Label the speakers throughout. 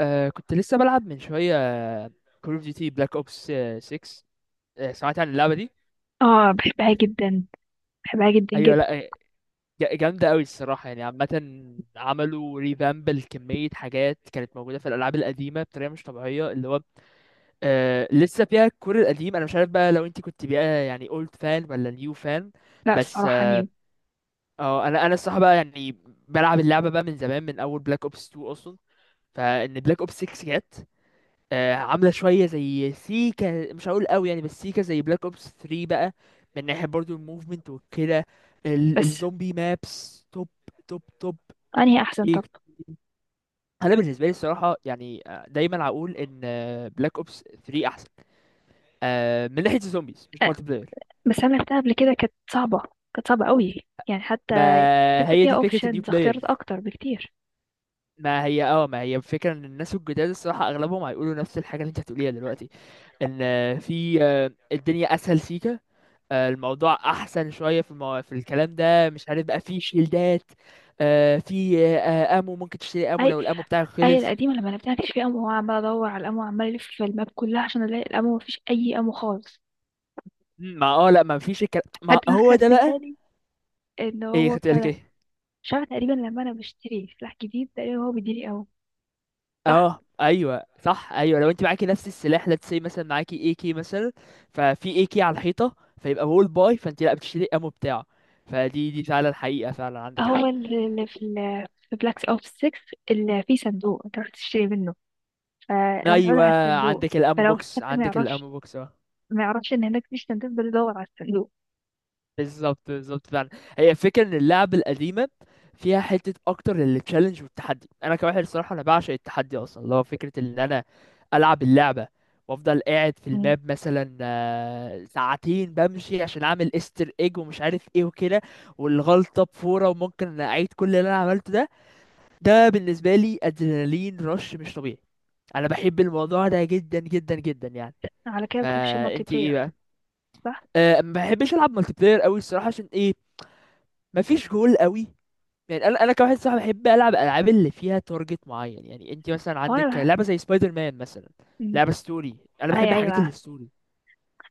Speaker 1: آه كنت لسه بلعب من شوية كول اوف ديوتي بلاك اوبس 6. آه، سمعت عن اللعبة دي؟
Speaker 2: اه، بحبها جدا. بحبها جدا
Speaker 1: ايوه.
Speaker 2: جدا.
Speaker 1: لا جامدة قوي الصراحة، يعني عامة عملوا ريفامب لكمية حاجات كانت موجودة في الألعاب القديمة بطريقة مش طبيعية. اللي هو آه لسه فيها الكور القديم. أنا مش عارف بقى لو أنت كنت بقى يعني اولد فان ولا نيو فان.
Speaker 2: لا
Speaker 1: بس
Speaker 2: الصراحة
Speaker 1: اه،
Speaker 2: نيو.
Speaker 1: انا الصراحة بقى يعني بلعب اللعبة بقى من زمان، من أول بلاك اوبس 2 أصلا. فإن بلاك اوبس 6 جت عامله شويه زي سيكا، مش هقول قوي يعني، بس سيكا زي بلاك اوبس 3 بقى من ناحيه برضو الموفمنت وكده.
Speaker 2: بس
Speaker 1: الزومبي مابس توب، توب.
Speaker 2: انهي احسن
Speaker 1: ايه،
Speaker 2: طب؟
Speaker 1: انا بالنسبه لي الصراحه يعني دايما هقول ان بلاك اوبس 3 احسن من ناحيه الزومبيز، مش
Speaker 2: آه،
Speaker 1: مالتي بلاير.
Speaker 2: بس انا لعبتها قبل كده كانت صعبة. كانت صعبة قوي. يعني حتى
Speaker 1: ما
Speaker 2: انت
Speaker 1: هي
Speaker 2: فيها
Speaker 1: دي فكره النيو
Speaker 2: اوبشنز اختيارات
Speaker 1: بلاير.
Speaker 2: اكتر بكتير.
Speaker 1: ما هي اه، ما هي فكرة ان الناس الجداد الصراحة اغلبهم هيقولوا نفس الحاجة اللي انت هتقوليها دلوقتي، ان آه، في آه، الدنيا اسهل سيكا. الموضوع احسن شويه في في الكلام ده، مش عارف بقى، في شيلدات، آه، في آه، امو ممكن تشتري امو
Speaker 2: اي،
Speaker 1: لو الامو بتاعك
Speaker 2: اي
Speaker 1: خلص.
Speaker 2: القديمة لما لعبتها مفيش فيها امو، وعمال ادور على الامو وعمال الف في الماب كلها عشان الاقي الامو، مفيش اي امو خالص.
Speaker 1: ما اه لا، ما فيش الكلام، ما
Speaker 2: حتى ما
Speaker 1: هو ده
Speaker 2: خدت
Speaker 1: بقى.
Speaker 2: بالي ان
Speaker 1: ايه
Speaker 2: هو
Speaker 1: خدت
Speaker 2: بتاع
Speaker 1: بالك
Speaker 2: ده.
Speaker 1: ايه؟
Speaker 2: مش عارفة، تقريبا لما انا بشتري سلاح جديد تقريبا هو بيديني امو. صح.
Speaker 1: اه ايوه صح، ايوه لو انت معاكي نفس السلاح let's say، مثلا معاكي اي كي مثلا، ففي اي كي على الحيطه فيبقى وول باي، فانت لا بتشتري امو بتاعه. فدي فعلا حقيقه، فعلا عندك
Speaker 2: هو
Speaker 1: حق.
Speaker 2: اللي في بلاك اوبس 6 اللي فيه صندوق انت رحت تشتري منه، فانا متعوده
Speaker 1: ايوه
Speaker 2: على الصندوق.
Speaker 1: عندك الامو
Speaker 2: فلو في
Speaker 1: بوكس،
Speaker 2: حد ما
Speaker 1: عندك
Speaker 2: يعرفش،
Speaker 1: الامو بوكس.
Speaker 2: ما يعرفش ان هناك في صندوق، بدور على الصندوق.
Speaker 1: بالظبط بالظبط فعلا. هي الفكره ان اللعب القديمه فيها حته اكتر للتشالنج والتحدي. انا كواحد الصراحه انا بعشق التحدي اصلا، اللي هو فكره ان انا العب اللعبه وافضل قاعد في
Speaker 2: مم.
Speaker 1: الماب مثلا ساعتين بمشي عشان اعمل استر ايج ومش عارف ايه وكده، والغلطه بفوره وممكن اعيد كل اللي انا عملته ده. ده بالنسبه لي ادرينالين رش مش طبيعي، انا بحب الموضوع ده جدا جدا جدا يعني.
Speaker 2: على كده ما بتحبش المالتي
Speaker 1: فانت ايه
Speaker 2: بلاير؟
Speaker 1: بقى؟
Speaker 2: صح.
Speaker 1: أه، ما بحبش العب مالتي بلاير قوي الصراحه. عشان ايه؟ مفيش جول قوي، يعني انا كواحد صاحبي بحب العب العاب اللي فيها تارجت معين. يعني انت مثلا
Speaker 2: هو انا
Speaker 1: عندك
Speaker 2: بح...
Speaker 1: لعبه زي سبايدر مان مثلا،
Speaker 2: مم.
Speaker 1: لعبه ستوري. انا
Speaker 2: اي،
Speaker 1: بحب الحاجات
Speaker 2: ايوه،
Speaker 1: اللي ستوري.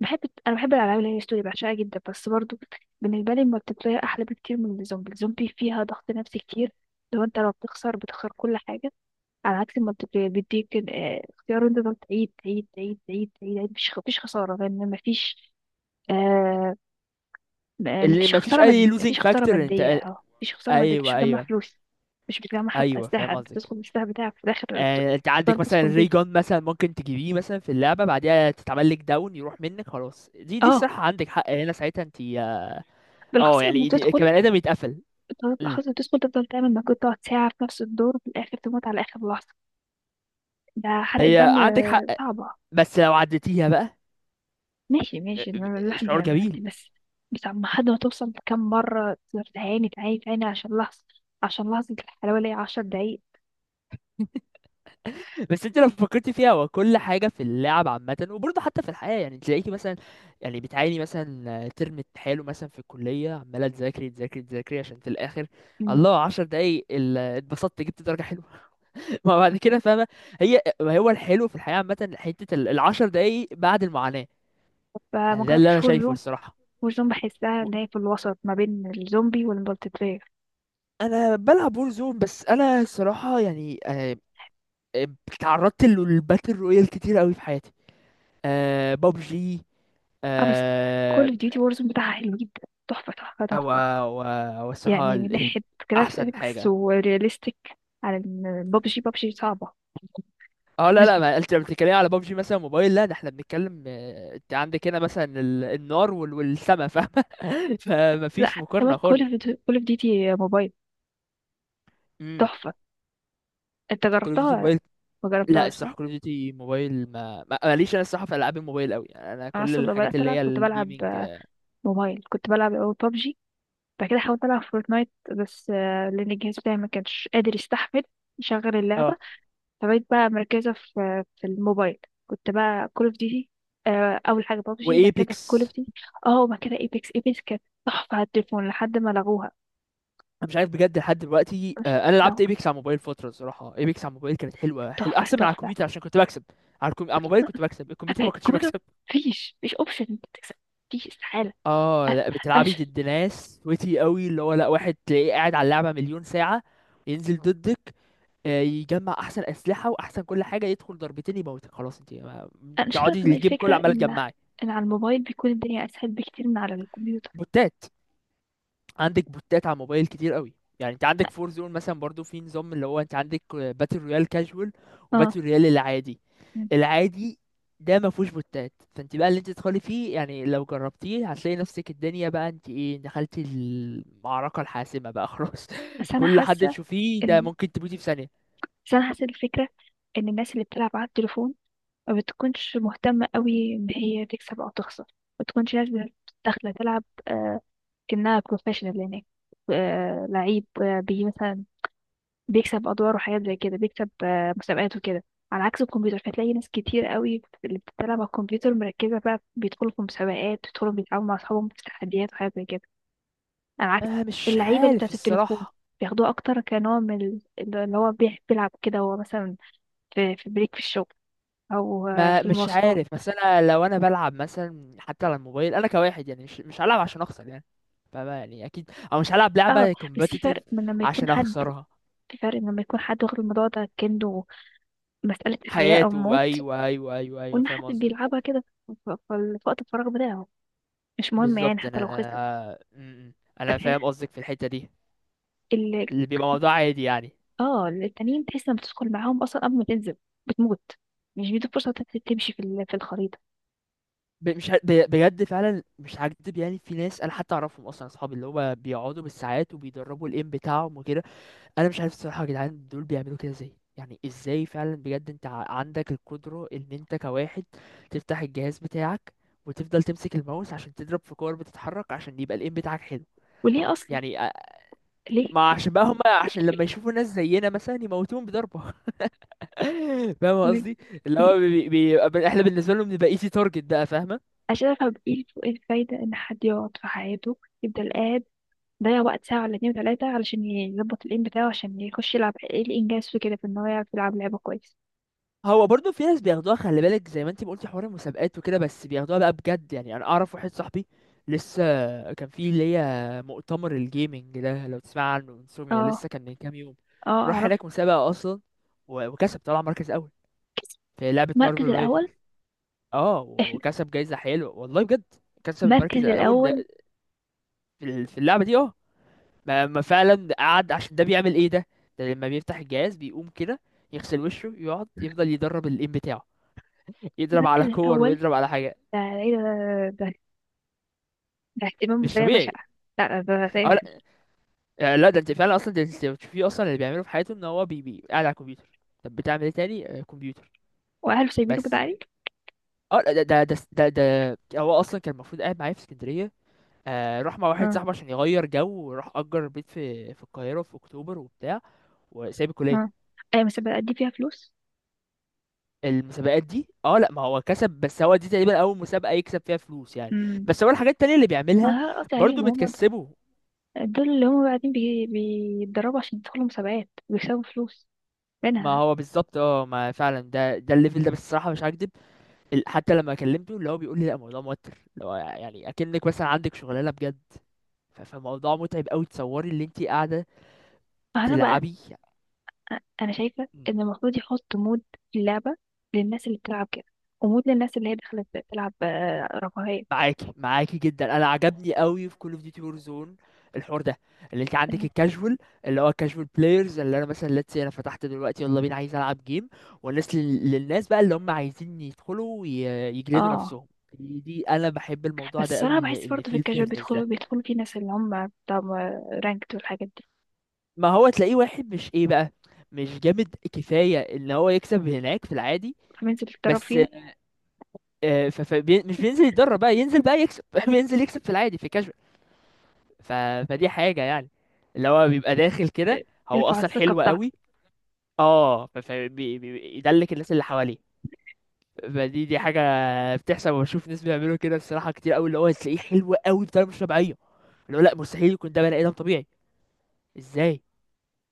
Speaker 2: بحب. انا بحب الالعاب اللي هي ستوري، بعشقها جدا. بس برضو بالنسبه لي المالتي بلاير احلى بكتير من الزومبي. الزومبي فيها ضغط نفسي كتير. لو بتخسر، بتخسر كل حاجه. على عكس المالتي بلاير بيديك اختيار انت تقعد تعيد تعيد تعيد تعيد تعيد تعيد. مفيش خساره لان مفيش. آه،
Speaker 1: اللي مفيش اي لوزينج
Speaker 2: مفيش خسارة
Speaker 1: فاكتور
Speaker 2: مادية.
Speaker 1: انت.
Speaker 2: اه، مفيش خسارة مادية. مش
Speaker 1: ايوه
Speaker 2: بتجمع
Speaker 1: ايوه
Speaker 2: فلوس. مش بتجمع حتى
Speaker 1: ايوه
Speaker 2: أسلحة،
Speaker 1: فاهم
Speaker 2: انت
Speaker 1: قصدك.
Speaker 2: بتدخل بالسلاح بتاعك في الآخر
Speaker 1: انت
Speaker 2: بتفضل
Speaker 1: عندك مثلا
Speaker 2: تدخل
Speaker 1: ري
Speaker 2: بيه.
Speaker 1: جون مثلا، ممكن تجيبيه مثلا في اللعبه، بعديها تتعمل لك داون يروح منك خلاص. دي
Speaker 2: اه،
Speaker 1: الصراحه عندك حق هنا، ساعتها انت اه
Speaker 2: بالأخص لما
Speaker 1: يعني
Speaker 2: بتدخل
Speaker 1: كبني ادم يتقفل.
Speaker 2: بالأخص
Speaker 1: مم.
Speaker 2: لما بتدخل تفضل تعمل مجهود، تقعد ساعة في نفس الدور، في الآخر تموت على آخر لحظة. ده حرقة
Speaker 1: هي
Speaker 2: دم
Speaker 1: عندك حق،
Speaker 2: صعبة.
Speaker 1: بس لو عديتيها بقى
Speaker 2: ماشي
Speaker 1: آه،
Speaker 2: ماشي، إن الواحد
Speaker 1: شعور
Speaker 2: بيعمل
Speaker 1: جميل.
Speaker 2: عندي بس عم حد ما توصل، كم مرة تقدر تعاني تعاني تعاني عشان لحظة الحلاوة اللي هي عشر دقايق.
Speaker 1: بس انت لو فكرت فيها هو كل حاجه في اللعب عامه وبرضه حتى في الحياه، يعني تلاقيكي مثلا، يعني بتعاني مثلا ترم حلو مثلا في الكليه، عماله تذاكري تذاكري، عشان في الاخر
Speaker 2: مم.
Speaker 1: الله، 10 دقايق اتبسطت جبت درجه حلوه. ما بعد كده فاهمه. هي ما هو الحلو في الحياه عامه حته ال 10 دقايق بعد المعاناه
Speaker 2: فما
Speaker 1: يعني، ده اللي
Speaker 2: جربتش
Speaker 1: انا شايفه الصراحه.
Speaker 2: وورزون. بحسها
Speaker 1: و-
Speaker 2: ان هي في الوسط ما بين الزومبي والمالتي بلاير.
Speaker 1: انا بلعب وور زون، بس انا الصراحه يعني آه، تعرضت للباتل رويال كتير قوي في حياتي. أه ببجي.
Speaker 2: اه، بس كول اوف ديوتي وورزون بتاعها حلو جدا. تحفة تحفة
Speaker 1: هو
Speaker 2: تحفة.
Speaker 1: هو، هو الصراحة
Speaker 2: يعني من ناحية
Speaker 1: أحسن
Speaker 2: جرافيكس
Speaker 1: حاجة.
Speaker 2: ورياليستيك، على بابجي. بابجي صعبة.
Speaker 1: اه لا لا،
Speaker 2: ببجي.
Speaker 1: ما انت لما بتتكلمي على بابجي مثلا موبايل، لا ده احنا بنتكلم انت عندك هنا مثلا النار والسما، فاهمة.
Speaker 2: لا،
Speaker 1: فمفيش
Speaker 2: حتى كمان
Speaker 1: مقارنة
Speaker 2: كول
Speaker 1: خالص.
Speaker 2: اوف كول اوف ديوتي موبايل
Speaker 1: امم،
Speaker 2: تحفة. انت
Speaker 1: كول اوف
Speaker 2: جربتها
Speaker 1: ديوتي
Speaker 2: ولا
Speaker 1: موبايل.
Speaker 2: ما
Speaker 1: لا
Speaker 2: جربتهاش، صح؟
Speaker 1: الصراحة كول اوف ديوتي موبايل، ما ماليش انا الصراحة في العاب الموبايل قوي، انا
Speaker 2: انا
Speaker 1: كل
Speaker 2: اصلا لما
Speaker 1: الحاجات
Speaker 2: بدأت
Speaker 1: اللي
Speaker 2: العب
Speaker 1: هي
Speaker 2: كنت بلعب
Speaker 1: الجيمنج.
Speaker 2: موبايل، كنت بلعب اول بابجي، بعد كده حاولت العب فورتنايت. بس لان الجهاز بتاعي ما كانش قادر يستحمل يشغل اللعبة،
Speaker 1: اه
Speaker 2: فبقيت بقى مركزة في الموبايل. كنت بقى كول اوف ديوتي، اول حاجة بابجي بعد كده كول
Speaker 1: وايبكس.
Speaker 2: اوف ديوتي. اه، وبعد كده ايبكس. ايبكس كانت تحفة على التليفون لحد ما لغوها.
Speaker 1: انا مش عارف بجد لحد دلوقتي
Speaker 2: مش
Speaker 1: انا لعبت
Speaker 2: ده،
Speaker 1: ايبكس على موبايل فترة، الصراحة ايبكس على موبايل كانت حلوة، حلو
Speaker 2: تحفة
Speaker 1: احسن من على
Speaker 2: تحفة.
Speaker 1: الكمبيوتر عشان كنت بكسب. على على الموبايل كنت بكسب، الكمبيوتر ما كنتش
Speaker 2: الكمبيوتر
Speaker 1: بكسب.
Speaker 2: مفيش اوبشن انت تكسب. مفيش، استحالة.
Speaker 1: اه
Speaker 2: آه،
Speaker 1: لا
Speaker 2: انا
Speaker 1: بتلعبي
Speaker 2: ش-
Speaker 1: ضد ناس ويتي قوي، اللي هو لا واحد تلاقيه قاعد على اللعبه مليون ساعه، ينزل ضدك، يجمع احسن اسلحه واحسن كل حاجه، يدخل ضربتين يموتك خلاص، انت
Speaker 2: أنا مش قادرة
Speaker 1: تقعدي
Speaker 2: أفهم إيه
Speaker 1: الجيم
Speaker 2: الفكرة
Speaker 1: كله عماله
Speaker 2: ان
Speaker 1: تجمعي.
Speaker 2: ان على الموبايل بيكون الدنيا اسهل بكتير من على الكمبيوتر.
Speaker 1: بوتات، عندك بوتات على الموبايل كتير قوي. يعني انت عندك
Speaker 2: اه.
Speaker 1: فور زون مثلا برضو في نظام، اللي هو انت عندك باتل رويال كاجوال
Speaker 2: آه،
Speaker 1: وباتل رويال العادي.
Speaker 2: مم.
Speaker 1: العادي ده ما فيهوش بوتات، فانت بقى اللي انت تدخلي فيه يعني لو جربتيه هتلاقي نفسك الدنيا بقى، انت ايه دخلتي المعركة الحاسمة بقى خلاص.
Speaker 2: بس انا
Speaker 1: كل حد
Speaker 2: حاسة
Speaker 1: تشوفيه ده
Speaker 2: ان
Speaker 1: ممكن تموتي في ثانية.
Speaker 2: بس انا حاسة الفكرة ان الناس اللي بتلعب على التليفون ما بتكونش مهتمة قوي ان هي تكسب او تخسر. ما بتكونش ناس داخلة تلعب كأنها بروفيشنال هناك. لعيب آه بي مثلا بيكسب ادوار وحاجات زي كده، بيكسب مسابقات وكده. على عكس الكمبيوتر، فتلاقي ناس كتير قوي اللي بتلعب على الكمبيوتر مركزة بقى، بيدخلوا في مسابقات، بيدخلوا بيتعاونوا مع اصحابهم في تحديات وحاجات زي كده. على عكس
Speaker 1: آه مش
Speaker 2: اللعيبة اللي
Speaker 1: عارف
Speaker 2: بتاعت التليفون،
Speaker 1: الصراحة.
Speaker 2: بياخدوها اكتر كنوع من اللي هو بيحب يلعب كده، هو مثلا في بريك في الشغل، او
Speaker 1: ما
Speaker 2: في
Speaker 1: مش
Speaker 2: المواصلات.
Speaker 1: عارف، بس انا لو انا بلعب مثلا حتى على الموبايل انا كواحد يعني مش هلعب عشان اخسر يعني، فما يعني اكيد او مش هلعب
Speaker 2: اه.
Speaker 1: لعبه
Speaker 2: بس في
Speaker 1: كومبتيتيف
Speaker 2: فرق من لما يكون
Speaker 1: عشان
Speaker 2: حد،
Speaker 1: اخسرها.
Speaker 2: في فرق من لما يكون حد واخد الموضوع ده كأنه مسألة حياة أو
Speaker 1: حياته
Speaker 2: موت،
Speaker 1: ايوه ايوه ايوه ايوه
Speaker 2: وإن حد
Speaker 1: فاهم قصدك.
Speaker 2: بيلعبها كده ف- ف- في وقت الفراغ بتاعه مش مهم، يعني
Speaker 1: بالظبط
Speaker 2: حتى
Speaker 1: انا
Speaker 2: لو خسر.
Speaker 1: انا م- م. أنا
Speaker 2: فتحس
Speaker 1: فاهم قصدك في الحته دي،
Speaker 2: ال
Speaker 1: اللي بيبقى موضوع عادي يعني.
Speaker 2: اه التانيين، تحس لما بتدخل معاهم أصلا، قبل ما تنزل بتموت، مش بيدوا فرصة تمشي في الخريطة.
Speaker 1: ب- مش ه- ب- بجد فعلا مش هكدب، يعني في ناس انا حتى اعرفهم اصلا اصحابي، اللي هو بيقعدوا بالساعات وبيدربوا الايم بتاعهم وكده. انا مش عارف الصراحه يا جدعان دول بيعملوا كده ازاي. يعني ازاي فعلا بجد انت عندك القدره ان انت كواحد تفتح الجهاز بتاعك وتفضل تمسك الماوس عشان تضرب في كور بتتحرك عشان يبقى الايم بتاعك حلو.
Speaker 2: وليه أصلا؟
Speaker 1: يعني
Speaker 2: ليه؟
Speaker 1: ما عشان بقى هم، عشان لما يشوفوا ناس زينا مثلا يموتون بضربه. فاهم
Speaker 2: ليه؟
Speaker 1: قصدي، اللي هو احنا بالنسبه لهم نبقى ايزي تارجت بقى، فاهمه.
Speaker 2: عشان أفهم إيه الفايدة إن حد يقعد في حياته، يفضل قاعد ضيع وقت ساعة ولا اتنين وتلاتة علشان يظبط الإيم بتاعه عشان يخش يلعب. ايه الإنجاز في كده، في إن هو يعرف يلعب لعبة كويس؟
Speaker 1: هو برضه في ناس بياخدوها، خلي بالك زي ما انت ما قلتي حوار المسابقات وكده، بس بياخدوها بقى بجد يعني. انا اعرف واحد صاحبي لسه كان في اللي هي مؤتمر الجيمنج ده لو تسمع عنه، انسوميا،
Speaker 2: اه.
Speaker 1: لسه كان من كام يوم.
Speaker 2: اه،
Speaker 1: راح
Speaker 2: أعرف.
Speaker 1: هناك مسابقة اصلا وكسب طلع مركز اول في لعبة مارفل
Speaker 2: المركز
Speaker 1: رايفل.
Speaker 2: الأول.
Speaker 1: اه
Speaker 2: احلى.
Speaker 1: وكسب جايزة حلوة والله بجد. كسب المركز
Speaker 2: المركز
Speaker 1: الاول ده
Speaker 2: الأول.
Speaker 1: في في اللعبة دي اه. ما ما فعلا قعد عشان ده بيعمل ايه ده، ده لما بيفتح الجهاز بيقوم كده يغسل وشه يقعد يفضل يدرب الام بتاعه، يضرب
Speaker 2: المركز
Speaker 1: على كور
Speaker 2: الأول،
Speaker 1: ويضرب على حاجه.
Speaker 2: ده ايه ده؟ ده, ده, ده اهتمام
Speaker 1: مش
Speaker 2: بطريقة
Speaker 1: طبيعي.
Speaker 2: بشعة. لا، ده ده,
Speaker 1: اه
Speaker 2: ده.
Speaker 1: لا لا ده انت فعلا اصلا، ده انت بتشوفيه اصلا اللي بيعمله في حياته ان هو بي قاعد على الكمبيوتر. طب بتعمل ايه تاني كمبيوتر
Speaker 2: وأهله سايبينه كده
Speaker 1: بس.
Speaker 2: عليه.
Speaker 1: اه لا، ده ده ده هو اصلا كان المفروض قاعد معايا في اسكندريه. آه راح مع واحد
Speaker 2: اه.
Speaker 1: صاحبه عشان يغير جو، وراح اجر بيت في في القاهره في اكتوبر وبتاع، وسايب الكليه.
Speaker 2: اه، أيوة، بس بأدي فيها فلوس.
Speaker 1: المسابقات دي اه لا، ما هو كسب، بس هو دي تقريبا اول مسابقه يكسب فيها فلوس يعني.
Speaker 2: امم.
Speaker 1: بس هو الحاجات التانية اللي
Speaker 2: ما
Speaker 1: بيعملها
Speaker 2: أنا قصدي
Speaker 1: برضه
Speaker 2: عليهم هم.
Speaker 1: بتكسبه.
Speaker 2: دول اللي هم بعدين بيتدربوا عشان يدخلوا مسابقات ويكسبوا فلوس
Speaker 1: ما
Speaker 2: منها.
Speaker 1: هو بالظبط اه، ما فعلا ده ده الليفل ده بالصراحه مش هكدب. حتى لما كلمته اللي هو بيقول لي لا، الموضوع موتر، اللي هو يعني اكنك مثلا عندك شغلانه بجد. فالموضوع متعب قوي، تصوري اللي انت قاعده
Speaker 2: أنا بقى
Speaker 1: تلعبي.
Speaker 2: انا شايفه ان المفروض يحط مود في اللعبه للناس اللي بتلعب كده، ومود للناس اللي هي دخلت تلعب رفاهيه.
Speaker 1: معاكي معاكي جدا، انا عجبني قوي في كول اوف ديوتي وور زون الحوار ده، اللي انت عندك الكاجوال، اللي هو الكاجوال بلايرز اللي انا مثلا let's say انا فتحت دلوقتي يلا بينا عايز العب جيم. والناس للناس بقى اللي هم عايزين يدخلوا يجلدوا
Speaker 2: اه،
Speaker 1: نفسهم. دي انا بحب الموضوع
Speaker 2: بس
Speaker 1: ده قوي،
Speaker 2: الصراحه
Speaker 1: اللي
Speaker 2: بحس
Speaker 1: اللي
Speaker 2: برضه في
Speaker 1: فيه
Speaker 2: الكاجوال
Speaker 1: الفيرنس
Speaker 2: بيدخلوا
Speaker 1: ده.
Speaker 2: بيدخلوا في ناس اللي هم بتاع رانكت والحاجات دي،
Speaker 1: ما هو تلاقيه واحد مش ايه بقى، مش جامد كفاية ان هو يكسب هناك في العادي
Speaker 2: فبينزل يتدرب
Speaker 1: بس
Speaker 2: فيها.
Speaker 1: مش بينزل يتدرب بقى، ينزل بقى يكسب. بينزل يكسب في العادي في كاجوال. ف... فدي حاجة يعني اللي هو بيبقى داخل
Speaker 2: آه،
Speaker 1: كده هو
Speaker 2: يرفع
Speaker 1: اصلا
Speaker 2: الثقه
Speaker 1: حلو
Speaker 2: بتاعته.
Speaker 1: قوي. اه يدلك الناس اللي حواليه. فدي حاجة بتحصل وبشوف ناس بيعملوا كده الصراحة كتير قوي، اللي هو تلاقيه حلو قوي بطريقة مش طبيعية، اللي هو لا مستحيل يكون ده بني ادم طبيعي، ازاي،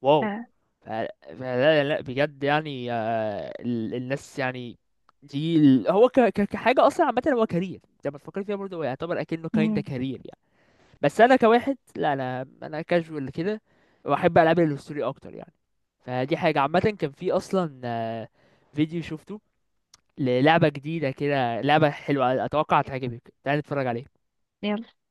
Speaker 1: واو.
Speaker 2: آه.
Speaker 1: ف- فلا لا لا بجد يعني الناس يعني دي هو كحاجة أصلا عامة، هو كارير لما تفكر فيها برضه، هو يعتبر أكنه كايندا
Speaker 2: امم.
Speaker 1: كارير يعني. بس أنا كواحد لا، أنا أنا كاجوال كده وأحب ألعب الهستوري أكتر يعني. فدي حاجة عامة. كان في أصلا فيديو شفته للعبة جديدة كده، لعبة حلوة أتوقع هتعجبك، تعالى نتفرج عليها.
Speaker 2: يلا.